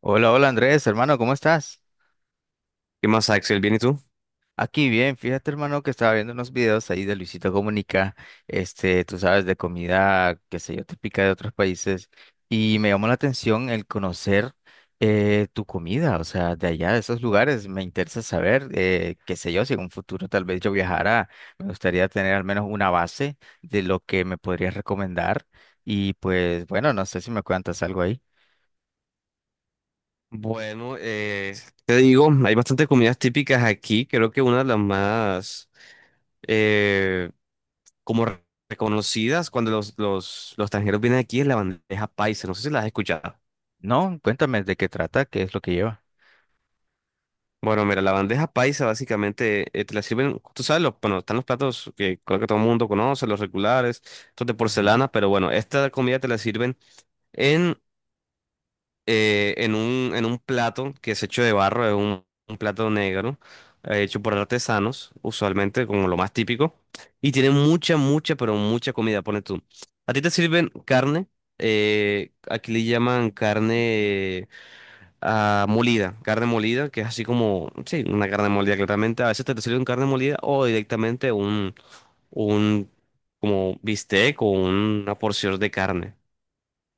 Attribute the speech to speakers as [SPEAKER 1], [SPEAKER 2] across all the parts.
[SPEAKER 1] Hola, hola Andrés, hermano, ¿cómo estás?
[SPEAKER 2] ¿Qué más, Axel? ¿Bien y tú?
[SPEAKER 1] Aquí bien, fíjate hermano que estaba viendo unos videos ahí de Luisito Comunica, este, tú sabes, de comida, qué sé yo, típica de otros países, y me llamó la atención el conocer tu comida, o sea, de allá, de esos lugares, me interesa saber, qué sé yo, si en un futuro tal vez yo viajara, me gustaría tener al menos una base de lo que me podrías recomendar, y pues bueno, no sé si me cuentas algo ahí.
[SPEAKER 2] Bueno, te digo, hay bastantes comidas típicas aquí. Creo que una de las más eh, como reconocidas cuando los extranjeros vienen aquí es la bandeja paisa. No sé si la has escuchado.
[SPEAKER 1] No, cuéntame de qué trata, qué es lo que lleva.
[SPEAKER 2] Bueno, mira, la bandeja paisa básicamente te la sirven, tú sabes, los, bueno, están los platos que creo que todo el mundo conoce, los regulares, estos de
[SPEAKER 1] Ujú.
[SPEAKER 2] porcelana, pero bueno, esta comida te la sirven en un plato que es hecho de barro, es un plato negro, hecho por artesanos, usualmente como lo más típico, y tiene mucha, mucha, pero mucha comida, pone tú. A ti te sirven carne, aquí le llaman carne molida, carne molida, que es así como, sí, una carne molida claramente, a veces te sirven carne molida o directamente un como bistec o una porción de carne.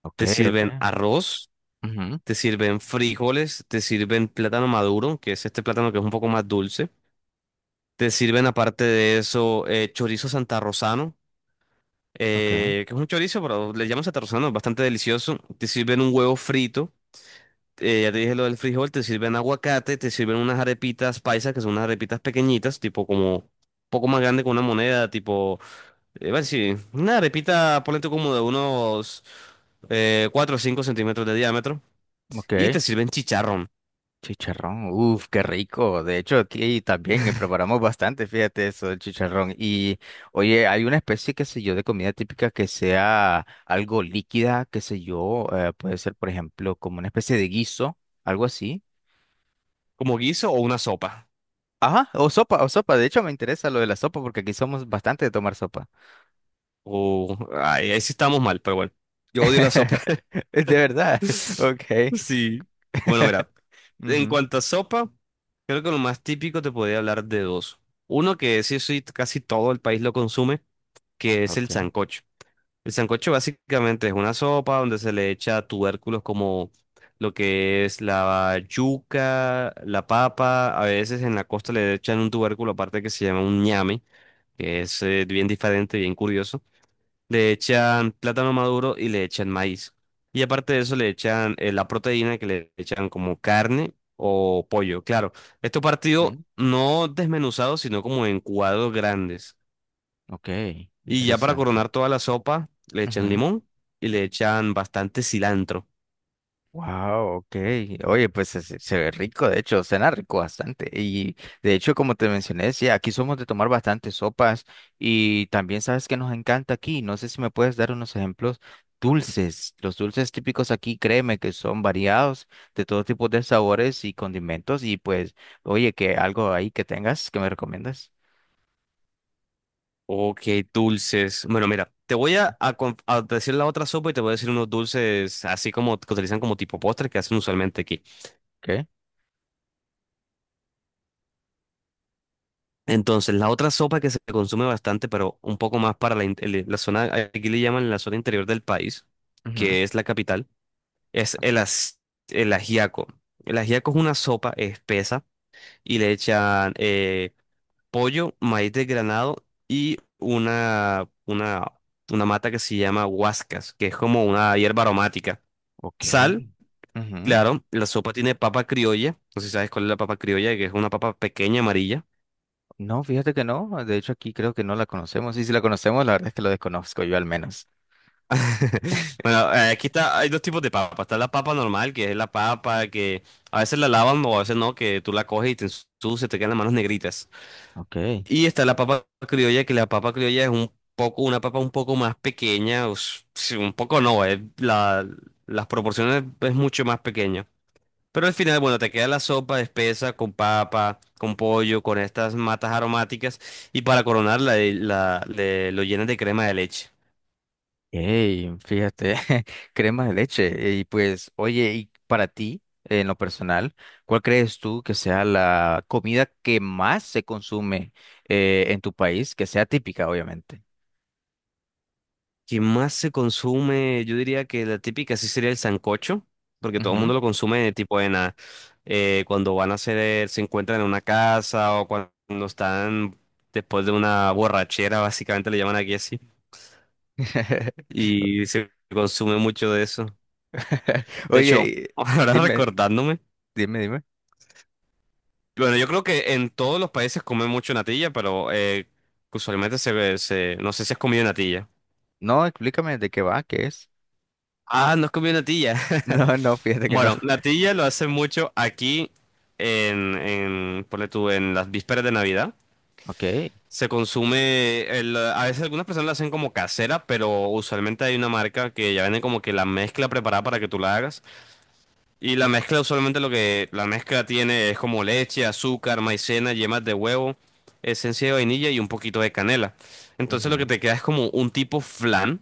[SPEAKER 1] Ok,
[SPEAKER 2] Te
[SPEAKER 1] ok.
[SPEAKER 2] sirven arroz,
[SPEAKER 1] Ujú,
[SPEAKER 2] te sirven frijoles, te sirven plátano maduro, que es este plátano que es un poco más dulce. Te sirven aparte de eso chorizo santarrosano,
[SPEAKER 1] ok,
[SPEAKER 2] que es un chorizo, pero le llaman santarrosano, es bastante delicioso. Te sirven un huevo frito, ya te dije lo del frijol, te sirven aguacate, te sirven unas arepitas paisas, que son unas arepitas pequeñitas, tipo como un poco más grande que una moneda, tipo, bueno, sí, una arepita, ponle tú como de unos 4 o 5 centímetros de diámetro. Y
[SPEAKER 1] ok.
[SPEAKER 2] te sirven chicharrón.
[SPEAKER 1] Chicharrón, uff, qué rico. De hecho, aquí también preparamos bastante, fíjate eso, el chicharrón. Y oye, hay una especie, qué sé yo, de comida típica que sea algo líquida, qué sé yo, puede ser, por ejemplo, como una especie de guiso, algo así.
[SPEAKER 2] Como guiso o una sopa.
[SPEAKER 1] Ajá, o sopa, o sopa. De hecho, me interesa lo de la sopa porque aquí somos bastante de tomar sopa.
[SPEAKER 2] O ay, ahí sí estamos mal, pero bueno. Yo odio la sopa.
[SPEAKER 1] De verdad, ok.
[SPEAKER 2] Sí. Bueno, mira. En
[SPEAKER 1] Ujú,
[SPEAKER 2] cuanto a sopa, creo que lo más típico te podría hablar de dos. Uno que sí, casi todo el país lo consume, que es el
[SPEAKER 1] ok,
[SPEAKER 2] sancocho. El sancocho básicamente es una sopa donde se le echa tubérculos como lo que es la yuca, la papa. A veces en la costa le echan un tubérculo aparte que se llama un ñame, que es bien diferente, bien curioso. Le echan plátano maduro y le echan maíz. Y aparte de eso le echan la proteína que le echan como carne o pollo. Claro, esto
[SPEAKER 1] mm,
[SPEAKER 2] partido no desmenuzado, sino como en cuadros grandes.
[SPEAKER 1] ok,
[SPEAKER 2] Y ya para
[SPEAKER 1] interesante.
[SPEAKER 2] coronar toda la sopa, le echan limón y le echan bastante cilantro.
[SPEAKER 1] Wow, ok. Oye, pues se, se ve rico, de hecho, suena rico bastante. Y de hecho, como te mencioné, sí, aquí somos de tomar bastantes sopas y también sabes que nos encanta aquí. No sé si me puedes dar unos ejemplos dulces. Los dulces típicos aquí, créeme que son variados de todo tipo de sabores y condimentos. Y pues, oye, que algo ahí que tengas que me recomiendas.
[SPEAKER 2] Ok, dulces. Bueno, mira, te voy a decir la otra sopa y te voy a decir unos dulces así como que utilizan como tipo postre que hacen usualmente aquí.
[SPEAKER 1] ¿Qué?
[SPEAKER 2] Entonces, la otra sopa que se consume bastante, pero un poco más para la, la zona, aquí le llaman la zona interior del país,
[SPEAKER 1] Ujú,
[SPEAKER 2] que es la capital, es
[SPEAKER 1] ok.
[SPEAKER 2] el ajiaco. El ajiaco es una sopa espesa y le echan pollo, maíz desgranado y una mata que se llama huascas, que es como una hierba aromática.
[SPEAKER 1] Ok.
[SPEAKER 2] Sal,
[SPEAKER 1] Ujú.
[SPEAKER 2] claro, la sopa tiene papa criolla, no sé si sabes cuál es la papa criolla, que es una papa pequeña amarilla.
[SPEAKER 1] No, fíjate que no. De hecho, aquí creo que no la conocemos. Y si la conocemos, la verdad es que lo desconozco yo al menos.
[SPEAKER 2] Bueno, aquí está, hay dos tipos de papa. Está la papa normal, que es la papa que a veces la lavan o a veces no, que tú la coges y te ensucia, te quedan las manos negritas.
[SPEAKER 1] Ok.
[SPEAKER 2] Y está la papa criolla, que la papa criolla es un poco, una papa un poco más pequeña, sí, un poco no, es la, las proporciones es mucho más pequeña. Pero al final, bueno, te queda la sopa espesa con papa, con pollo, con estas matas aromáticas y para coronarla lo llenas de crema de leche.
[SPEAKER 1] Hey, fíjate, crema de leche. Y pues, oye, y para ti, en lo personal, ¿cuál crees tú que sea la comida que más se consume en tu país, que sea típica, obviamente?
[SPEAKER 2] ¿Qué más se consume? Yo diría que la típica sí sería el sancocho, porque todo el
[SPEAKER 1] Ujú.
[SPEAKER 2] mundo lo consume tipo en cuando van a hacer, se encuentran en una casa o cuando están después de una borrachera, básicamente le llaman aquí así, y se consume mucho de eso. De
[SPEAKER 1] Oye,
[SPEAKER 2] hecho, ahora
[SPEAKER 1] dime,
[SPEAKER 2] recordándome,
[SPEAKER 1] dime.
[SPEAKER 2] bueno, yo creo que en todos los países comen mucho natilla, pero usualmente se ve, se, no sé si has comido natilla.
[SPEAKER 1] No, explícame de qué va, qué es.
[SPEAKER 2] Ah, no has comido natilla.
[SPEAKER 1] No, fíjate que no.
[SPEAKER 2] Bueno, natilla lo hacen mucho aquí ponle tú, en las vísperas de Navidad.
[SPEAKER 1] Ok,
[SPEAKER 2] Se consume, a veces algunas personas la hacen como casera, pero usualmente hay una marca que ya vende como que la mezcla preparada para que tú la hagas. Y la mezcla usualmente lo que la mezcla tiene es como leche, azúcar, maicena, yemas de huevo, esencia de vainilla y un poquito de canela. Entonces lo que
[SPEAKER 1] ujú,
[SPEAKER 2] te queda es como un tipo flan.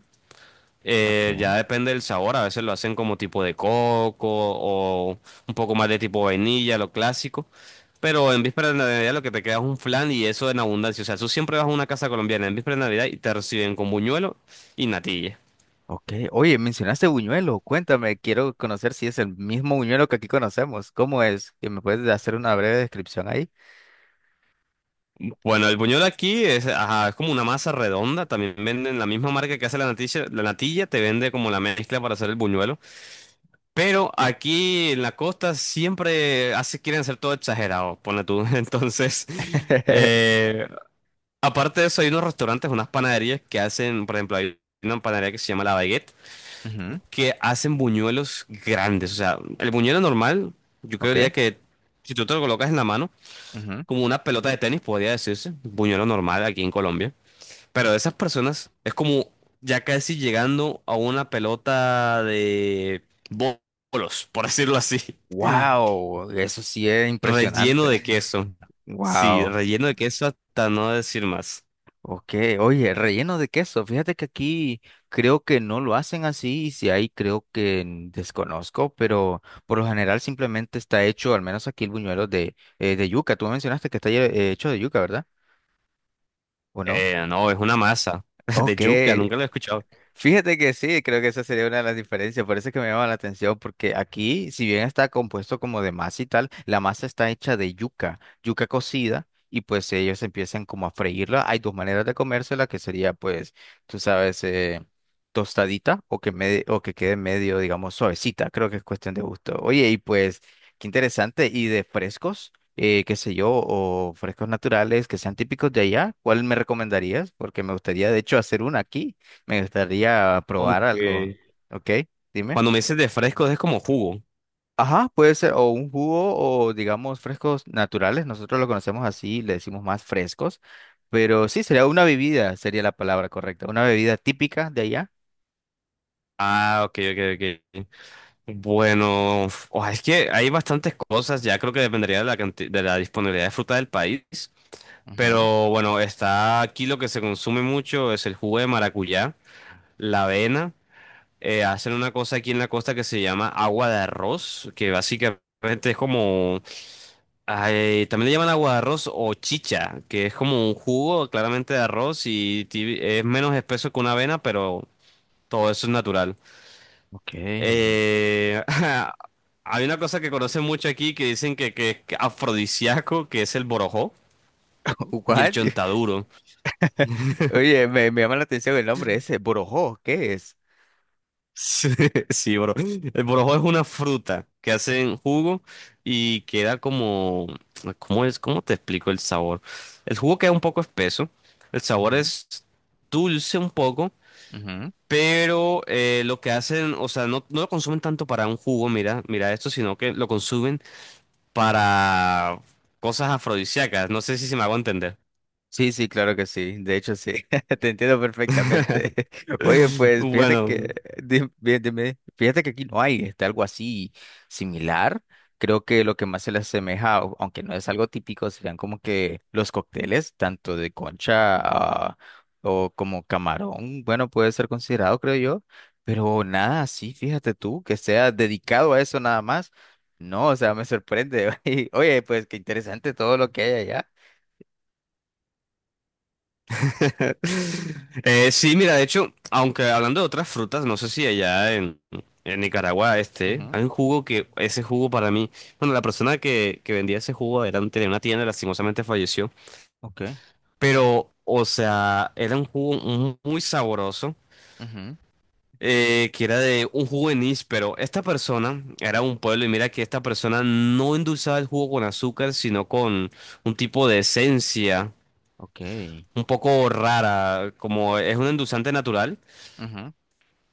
[SPEAKER 2] Ya
[SPEAKER 1] ok.
[SPEAKER 2] depende del sabor, a veces lo hacen como tipo de coco o un poco más de tipo vainilla, lo clásico. Pero en víspera de Navidad lo que te queda es un flan y eso en abundancia. O sea, tú siempre vas a una casa colombiana en víspera de Navidad y te reciben con buñuelo y natilla.
[SPEAKER 1] Ok, oye, mencionaste Buñuelo, cuéntame, quiero conocer si es el mismo Buñuelo que aquí conocemos. ¿Cómo es? ¿Que me puedes hacer una breve descripción ahí?
[SPEAKER 2] Bueno, el buñuelo aquí es, ajá, es como una masa redonda. También venden la misma marca que hace la natilla. La natilla te vende como la mezcla para hacer el buñuelo. Pero aquí en la costa siempre hace, quieren hacer todo exagerado, pone tú. Entonces... eh, Aparte de eso, hay unos restaurantes, unas panaderías que hacen, por ejemplo, hay una panadería que se llama La Baguette,
[SPEAKER 1] Ujú,
[SPEAKER 2] que hacen buñuelos grandes. O sea, el buñuelo normal, yo
[SPEAKER 1] ok.
[SPEAKER 2] creería que si tú te lo colocas en la mano,
[SPEAKER 1] Ujú.
[SPEAKER 2] como una pelota de tenis, podría decirse, buñuelo normal aquí en Colombia. Pero de esas personas es como ya casi llegando a una pelota de bo- bolos, por decirlo así,
[SPEAKER 1] Wow, eso sí es
[SPEAKER 2] relleno
[SPEAKER 1] impresionante.
[SPEAKER 2] de queso. Sí,
[SPEAKER 1] Wow.
[SPEAKER 2] relleno de queso hasta no decir más.
[SPEAKER 1] Ok, oye, relleno de queso. Fíjate que aquí creo que no lo hacen así y si hay creo que desconozco, pero por lo general simplemente está hecho, al menos aquí el buñuelo de yuca. Tú mencionaste que está hecho de yuca, ¿verdad? ¿O no?
[SPEAKER 2] No, es una masa de
[SPEAKER 1] Ok,
[SPEAKER 2] yuca, nunca lo he escuchado.
[SPEAKER 1] fíjate que sí, creo que esa sería una de las diferencias, por eso es que me llama la atención, porque aquí, si bien está compuesto como de masa y tal, la masa está hecha de yuca, yuca cocida, y pues ellos empiezan como a freírla. Hay dos maneras de comérsela, que sería pues, tú sabes, tostadita o que, me, o que quede medio, digamos, suavecita, creo que es cuestión de gusto. Oye, y pues, qué interesante, y de frescos, qué sé yo, o frescos naturales que sean típicos de allá, ¿cuál me recomendarías? Porque me gustaría de hecho hacer una aquí. Me gustaría probar algo.
[SPEAKER 2] Aunque
[SPEAKER 1] ¿Ok? Dime.
[SPEAKER 2] cuando me dices de fresco es como jugo.
[SPEAKER 1] Ajá, puede ser o un jugo o digamos frescos naturales. Nosotros lo conocemos así, le decimos más frescos. Pero sí, sería una bebida, sería la palabra correcta. Una bebida típica de allá.
[SPEAKER 2] Ah, ok, ok, ok. Bueno, oh, es que hay bastantes cosas, ya creo que dependería de la de la disponibilidad de fruta del país.
[SPEAKER 1] Ujú,
[SPEAKER 2] Pero bueno, está aquí lo que se consume mucho es el jugo de maracuyá, la avena. Hacen una cosa aquí en la costa que se llama agua de arroz, que básicamente es como, ay, también le llaman agua de arroz o chicha, que es como un jugo claramente de arroz y es menos espeso que una avena, pero todo eso es natural.
[SPEAKER 1] ok.
[SPEAKER 2] Eh, hay una cosa que conocen mucho aquí que dicen que es afrodisíaco, que es el borojó y el
[SPEAKER 1] What?
[SPEAKER 2] chontaduro.
[SPEAKER 1] Oye, me llama la atención el nombre ese. Borojó, ¿qué es?
[SPEAKER 2] Sí, sí, bro. El borojó es una fruta que hacen jugo y queda como... ¿Cómo es? ¿Cómo te explico el sabor? El jugo queda un poco espeso, el sabor
[SPEAKER 1] Ujú,
[SPEAKER 2] es dulce un poco.
[SPEAKER 1] ujú.
[SPEAKER 2] Pero lo que hacen, o sea, no lo consumen tanto para un jugo, mira, mira esto, sino que lo consumen para cosas afrodisíacas. No sé si se me hago entender.
[SPEAKER 1] Sí, sí, claro que sí. De hecho, sí. Te entiendo perfectamente. Oye, pues fíjate que,
[SPEAKER 2] Bueno,
[SPEAKER 1] bien, dime, fíjate que aquí no hay este, algo así similar. Creo que lo que más se le asemeja, aunque no es algo típico, serían como que los cócteles, tanto de concha, ah, o como camarón. Bueno, puede ser considerado, creo yo. Pero nada, sí, fíjate tú, que sea dedicado a eso nada más. No, o sea, me sorprende. Y, oye, pues qué interesante todo lo que hay allá.
[SPEAKER 2] Sí, mira, de hecho, aunque hablando de otras frutas, no sé si allá en Nicaragua este,
[SPEAKER 1] Ujú,
[SPEAKER 2] hay un jugo que, ese jugo para mí, bueno, la persona que vendía ese jugo era, tenía una tienda, lastimosamente falleció,
[SPEAKER 1] ok.
[SPEAKER 2] pero, o sea, era un jugo muy sabroso.
[SPEAKER 1] Ujú,
[SPEAKER 2] Que era de un jugo de anís, pero esta persona era un pueblo y mira que esta persona no endulzaba el jugo con azúcar, sino con un tipo de esencia
[SPEAKER 1] ok.
[SPEAKER 2] un poco rara, como es un endulzante natural
[SPEAKER 1] Ujú,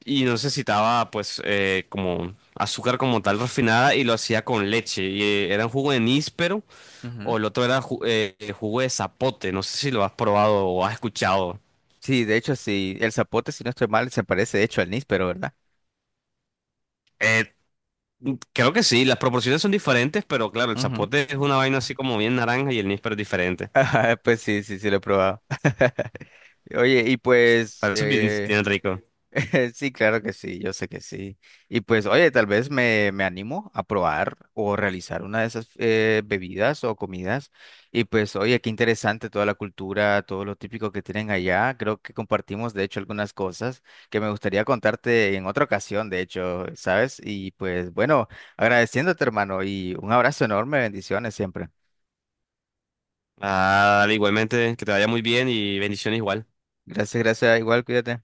[SPEAKER 2] y no necesitaba pues como azúcar como tal refinada y lo hacía con leche y era un jugo de anís, pero
[SPEAKER 1] ujú,
[SPEAKER 2] o el otro era jugo de zapote, no sé si lo has probado o has escuchado.
[SPEAKER 1] sí, de hecho, sí, el zapote, si no estoy mal, se parece de hecho al níspero, ¿verdad?
[SPEAKER 2] Eh, Creo que sí, las proporciones son diferentes, pero claro, el
[SPEAKER 1] Ujú.
[SPEAKER 2] zapote es una vaina así como bien naranja y el níspero es diferente.
[SPEAKER 1] Ajá, pues sí, sí lo he probado. Oye, y pues,
[SPEAKER 2] Pero eso bien, bien rico.
[SPEAKER 1] sí, claro que sí, yo sé que sí. Y pues, oye, tal vez me animo a probar o realizar una de esas bebidas o comidas. Y pues, oye, qué interesante toda la cultura, todo lo típico que tienen allá. Creo que compartimos, de hecho, algunas cosas que me gustaría contarte en otra ocasión, de hecho, ¿sabes? Y pues, bueno, agradeciéndote, hermano, y un abrazo enorme, bendiciones siempre.
[SPEAKER 2] Ah, dale, igualmente, que te vaya muy bien y bendiciones igual.
[SPEAKER 1] Gracias, gracias, igual, cuídate.